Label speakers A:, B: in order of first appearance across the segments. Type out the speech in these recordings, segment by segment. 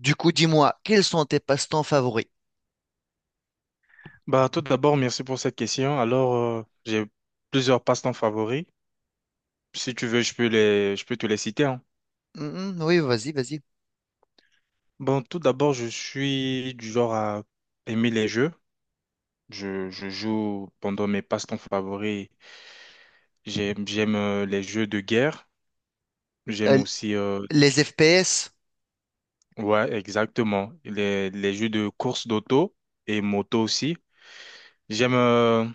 A: Du coup, dis-moi, quels sont tes passe-temps favoris?
B: Bah, tout d'abord, merci pour cette question. Alors, j'ai plusieurs passe-temps favoris. Si tu veux, je peux te les citer, hein.
A: Mhm, oui, vas-y, vas-y.
B: Bon, tout d'abord, je suis du genre à aimer les jeux. Je joue pendant mes passe-temps favoris. J'aime les jeux de guerre. J'aime
A: Euh,
B: aussi,
A: les FPS?
B: ouais, exactement, les jeux de course d'auto et moto aussi. J'aime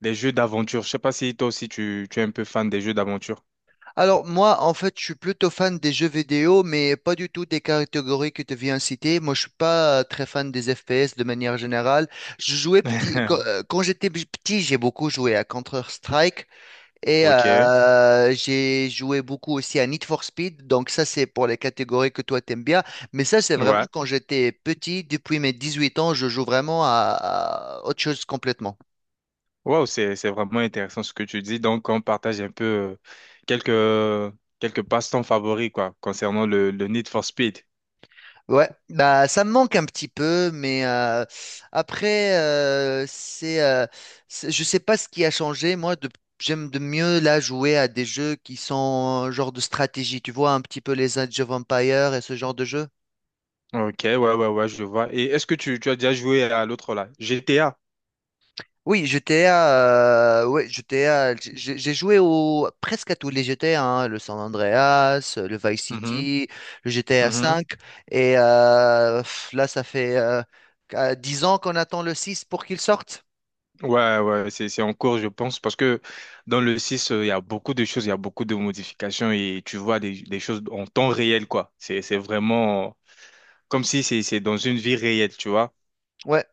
B: les jeux d'aventure. Je sais pas si toi aussi tu es un peu fan des jeux d'aventure.
A: Alors, moi, en fait, je suis plutôt fan des jeux vidéo, mais pas du tout des catégories que tu viens citer. Moi, je suis pas très fan des FPS de manière générale. Je jouais petit, quand, euh, quand j'étais petit, j'ai beaucoup joué à Counter-Strike. Et
B: Ok.
A: j'ai joué beaucoup aussi à Need for Speed. Donc ça, c'est pour les catégories que toi, t'aimes bien. Mais ça, c'est vraiment
B: Ouais,
A: quand j'étais petit. Depuis mes 18 ans, je joue vraiment à autre chose complètement.
B: wow, c'est vraiment intéressant ce que tu dis. Donc, on partage un peu quelques quelques passe-temps favoris quoi concernant le Need for Speed.
A: Ouais, bah ça me manque un petit peu, mais après je sais pas ce qui a changé. Moi, j'aime de mieux là jouer à des jeux qui sont genre de stratégie. Tu vois un petit peu les Age of Empires et ce genre de jeu.
B: Ok, ouais, ouais, ouais, je vois. Et est-ce que tu as déjà joué à l'autre là, GTA?
A: Oui, GTA, ouais, GTA, j'ai joué presque à tous les GTA, hein, le San Andreas, le Vice
B: Mhm,
A: City, le GTA
B: mhm.
A: V, et là, ça fait 10 ans qu'on attend le 6 pour qu'il sorte.
B: Ouais, ouais, c'est en cours, je pense, parce que dans le 6 il y a beaucoup de choses, il y a beaucoup de modifications et tu vois des choses en temps réel quoi. C'est vraiment comme si c'est dans une vie réelle, tu vois.
A: Ouais.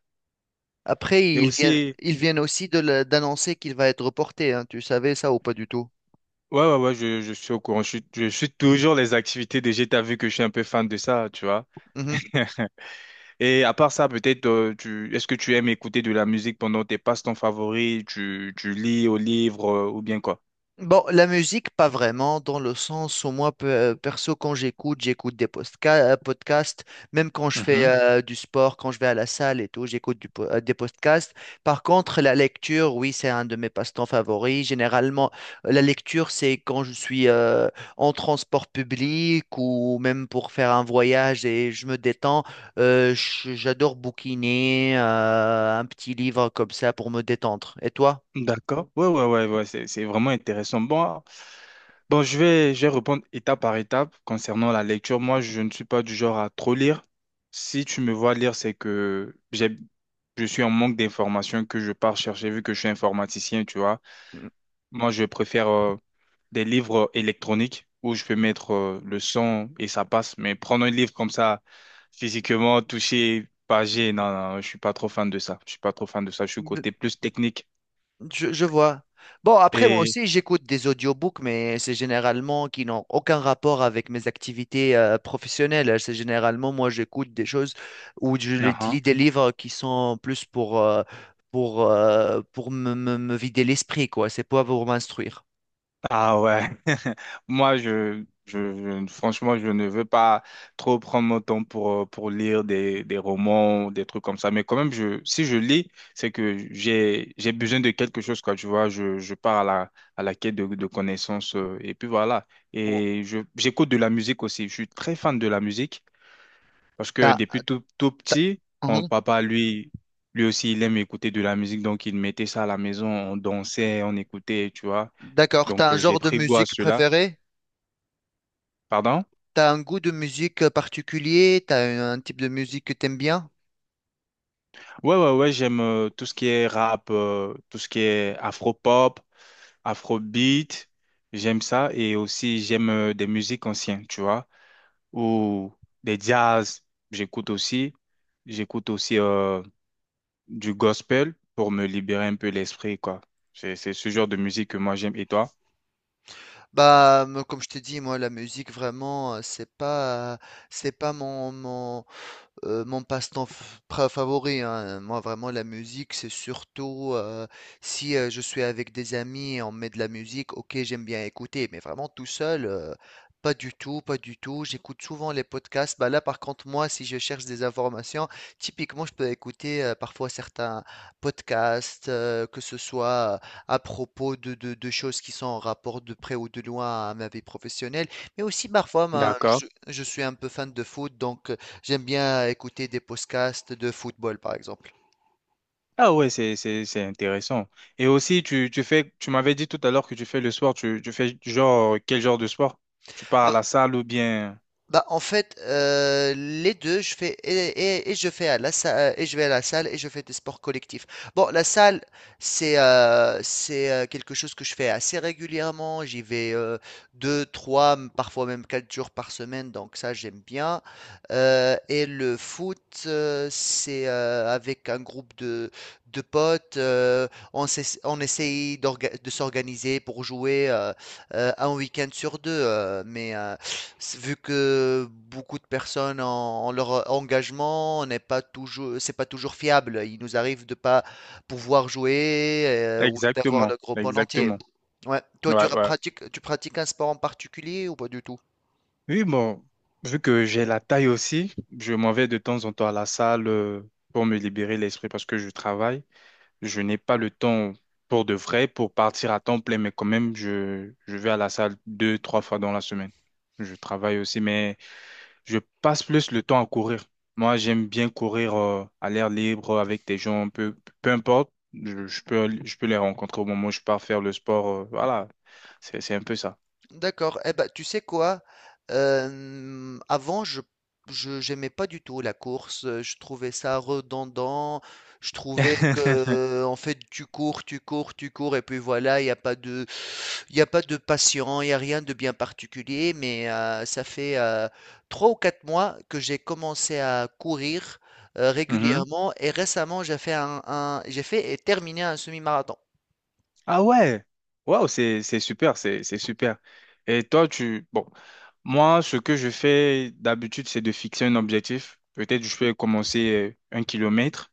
A: Après,
B: Et
A: ils viennent,
B: aussi
A: ils viennent aussi d'annoncer qu'il va être reporté, hein. Tu savais ça ou pas du tout?
B: Ouais, ouais, ouais, je suis au courant. Je suis toujours les activités DG. T'as vu que je suis un peu fan de ça, tu vois. Et à part ça, peut-être, tu, est-ce que tu aimes écouter de la musique pendant tes passe-temps favoris? Tu lis au livre, ou bien quoi?
A: Bon, la musique, pas vraiment, dans le sens où moi, perso, quand j'écoute des podcasts, même quand je fais
B: Mhm.
A: du sport, quand je vais à la salle et tout, j'écoute des podcasts. Par contre, la lecture, oui, c'est un de mes passe-temps favoris. Généralement, la lecture, c'est quand je suis en transport public ou même pour faire un voyage et je me détends. J'adore bouquiner un petit livre comme ça pour me détendre. Et toi?
B: D'accord. Ouais, ouais, ouais, ouais, c'est vraiment intéressant. Bon, je vais répondre étape par étape concernant la lecture. Moi, je ne suis pas du genre à trop lire. Si tu me vois lire, je suis en manque d'informations que je pars chercher vu que je suis informaticien, tu vois. Moi, je préfère des livres électroniques où je peux mettre le son et ça passe. Mais prendre un livre comme ça, physiquement, touché, pagé, non, non, je suis pas trop fan de ça. Je suis pas trop fan de ça. Je suis côté plus technique.
A: Je vois. Bon, après, moi
B: Et,
A: aussi, j'écoute des audiobooks, mais c'est généralement qui n'ont aucun rapport avec mes activités professionnelles. C'est généralement, moi, j'écoute des choses ou lis des livres qui sont plus pour me vider l'esprit, quoi. C'est pas pour m'instruire.
B: Ah ouais, moi je- franchement je ne veux pas trop prendre mon temps pour lire des romans, des trucs comme ça, mais quand même je, si je lis, j'ai besoin de quelque chose, quoi, tu vois, je pars à la quête de connaissances, et puis voilà,
A: Oh.
B: et j'écoute de la musique aussi, je suis très fan de la musique, parce que
A: T'as-
B: depuis tout, tout
A: t'as-
B: petit, mon
A: Mhm.
B: papa, lui aussi, il aime écouter de la musique, donc il mettait ça à la maison, on dansait, on écoutait, tu vois.
A: D'accord, t'as
B: Donc,
A: un
B: j'ai
A: genre de
B: pris goût à
A: musique
B: cela.
A: préféré?
B: Pardon?
A: T'as un goût de musique particulier? T'as un type de musique que t'aimes bien?
B: Ouais, ouais, ouais, j'aime tout ce qui est rap, tout ce qui est afro-pop, afrobeat. J'aime ça. Et aussi, j'aime des musiques anciennes, tu vois, ou des jazz. J'écoute aussi. J'écoute aussi du gospel pour me libérer un peu l'esprit, quoi. C'est ce genre de musique que moi j'aime. Et toi?
A: Bah, moi, comme je t'ai dit, moi, la musique, vraiment, c'est pas mon passe-temps f pra favori, hein, moi vraiment la musique, c'est surtout, si, je suis avec des amis et on met de la musique, OK, j'aime bien écouter, mais vraiment tout seul, pas du tout, pas du tout. J'écoute souvent les podcasts. Bah, là, par contre, moi, si je cherche des informations, typiquement, je peux écouter, parfois certains podcasts, que ce soit à propos de choses qui sont en rapport de près ou de loin à ma vie professionnelle, mais aussi parfois, ben,
B: D'accord.
A: je suis un peu fan de foot, donc, j'aime bien écouter des podcasts de football, par exemple.
B: Ah ouais, c'est intéressant. Et aussi, tu m'avais dit tout à l'heure que tu fais le sport, tu fais genre, quel genre de sport? Tu pars à la salle ou bien…
A: Bah, en fait, les deux, je fais et je fais à la salle et je vais à la salle et je fais des sports collectifs. Bon, la salle, c'est quelque chose que je fais assez régulièrement. J'y vais deux, trois, parfois même 4 jours par semaine, donc ça j'aime bien. Et le foot, c'est avec un groupe de potes. On essaye de s'organiser pour jouer un week-end sur deux, mais vu que beaucoup de personnes en leur engagement n'est pas toujours, c'est pas toujours fiable. Il nous arrive de pas pouvoir jouer ou d'avoir
B: Exactement,
A: le groupe en entier.
B: exactement.
A: Ouais. Toi, tu
B: Ouais,
A: ra-
B: ouais.
A: pratiques, tu pratiques un sport en particulier ou pas du tout?
B: Oui, bon, vu que j'ai la taille aussi, je m'en vais de temps en temps à la salle pour me libérer l'esprit parce que je travaille. Je n'ai pas le temps pour de vrai, pour partir à temps plein, mais quand même, je vais à la salle deux, trois fois dans la semaine. Je travaille aussi, mais… Je passe plus le temps à courir. Moi, j'aime bien courir à l'air libre avec des gens, peu importe. Je peux les rencontrer au moment où je pars faire le sport. Voilà, c'est un peu ça.
A: D'accord. Eh ben, tu sais quoi? Avant, je j'aimais pas du tout la course. Je trouvais ça redondant. Je trouvais que en fait, tu cours, tu cours, tu cours, et puis voilà, il n'y a pas de. Il n'y a pas de patient, il n'y a rien de bien particulier, mais ça fait 3 ou 4 mois que j'ai commencé à courir
B: Mhm.
A: régulièrement et récemment j'ai fait j'ai fait et terminé un semi-marathon.
B: Ah ouais, waouh, c'est super, c'est super. Et toi, tu… Bon, moi, ce que je fais d'habitude, c'est de fixer un objectif. Peut-être je peux commencer un kilomètre.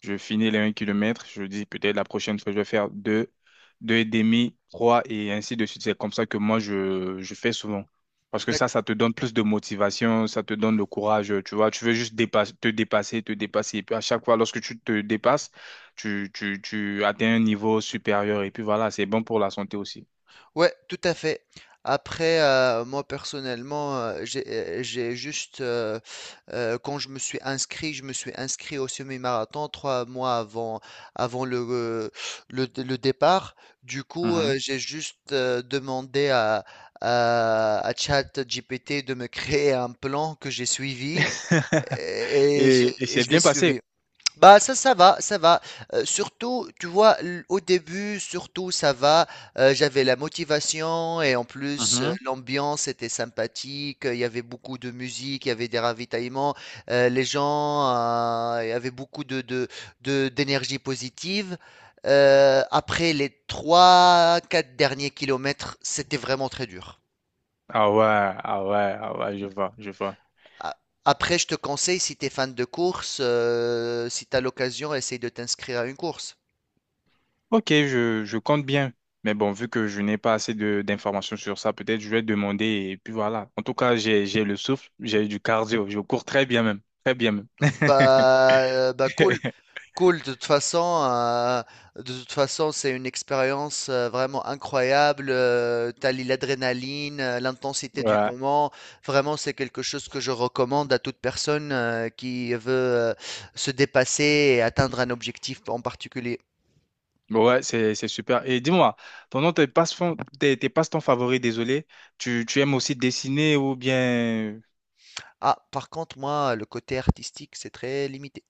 B: Je finis les un kilomètre, je dis peut-être la prochaine fois, je vais faire deux, deux et demi, 3 et ainsi de suite. C'est comme ça que moi, je fais souvent. Parce que ça te donne plus de motivation, ça te donne le courage, tu vois. Tu veux juste dépasser, te dépasser, te dépasser. Et puis à chaque fois, lorsque tu te dépasses, tu atteins un niveau supérieur. Et puis voilà, c'est bon pour la santé aussi.
A: Ouais, tout à fait. Après, moi personnellement, quand je me suis inscrit au semi-marathon 3 mois avant, avant le départ. Du coup,
B: Mhm.
A: j'ai juste demandé à ChatGPT de me créer un plan que j'ai suivi et, et j'ai-
B: Et
A: et
B: c'est
A: je l'ai
B: bien passé.
A: suivi. Bah ça, ça va, ça va. Surtout, tu vois, au début, surtout, ça va. J'avais la motivation et en plus,
B: Mhm.
A: l'ambiance était sympathique. Il y avait beaucoup de musique, il y avait des ravitaillements. Les gens, il y avait beaucoup d'énergie positive. Après les trois quatre derniers kilomètres, c'était vraiment très dur.
B: Ah ouais, ah ouais, ah ouais, je vois, je vois.
A: A- Après, je te conseille, si tu es fan de course, si tu as l'occasion, essaye de t'inscrire à une course.
B: Ok, je compte bien. Mais bon, vu que je n'ai pas assez de d'informations sur ça, peut-être je vais demander et puis voilà. En tout cas, j'ai le souffle, j'ai du cardio, je cours très bien même, très bien même.
A: Bah, bah cool, cool. De toute façon, c'est une expérience vraiment incroyable. L'adrénaline, l'intensité du
B: Ouais.
A: moment. Vraiment, c'est quelque chose que je recommande à toute personne qui veut se dépasser et atteindre un objectif en particulier.
B: Ouais, c'est super. Et dis-moi, pendant tes passe-temps, tes passe-temps favoris, désolé, tu aimes aussi dessiner ou bien…
A: Ah, par contre, moi, le côté artistique, c'est très limité.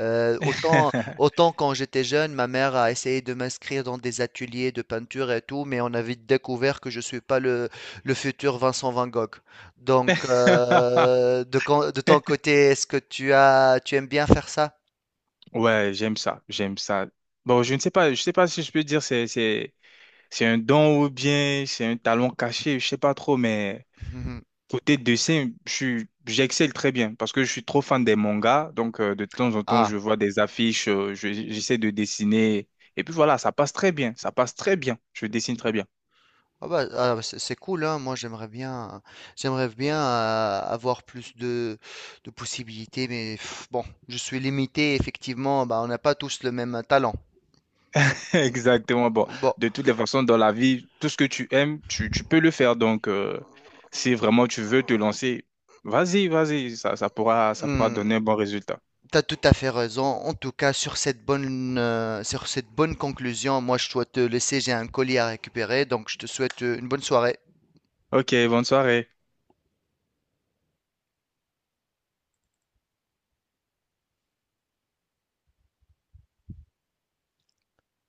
A: Euh, autant, autant quand j'étais jeune, ma mère a essayé de m'inscrire dans des ateliers de peinture et tout, mais on a vite découvert que je suis pas le futur Vincent Van Gogh. Donc, de ton côté, est-ce que tu aimes bien faire ça?
B: Ouais, j'aime ça, j'aime ça. Bon, je ne sais pas, je sais pas si je peux dire c'est un don ou bien c'est un talent caché, je sais pas trop, mais… Côté dessin, j'excelle très bien parce que je suis trop fan des mangas. Donc, de temps en temps,
A: Ah.
B: je vois des affiches, j'essaie de dessiner. Et puis voilà, ça passe très bien. Ça passe très bien. Je dessine très bien.
A: Ah bah, c'est cool, hein. Moi j'aimerais bien avoir plus de possibilités, mais bon, je suis limité, effectivement, bah, on n'a pas tous le même talent.
B: Exactement. Bon,
A: Bon,
B: de toutes les façons, dans la vie, tout ce que tu aimes, tu peux le faire. Donc, si vraiment tu veux te lancer, vas-y, vas-y, ça pourra
A: tu
B: donner un bon résultat.
A: t'as tout à fait raison. En tout cas, sur cette bonne conclusion, moi je dois te laisser, j'ai un colis à récupérer, donc je te souhaite une bonne soirée.
B: Ok, bonne soirée.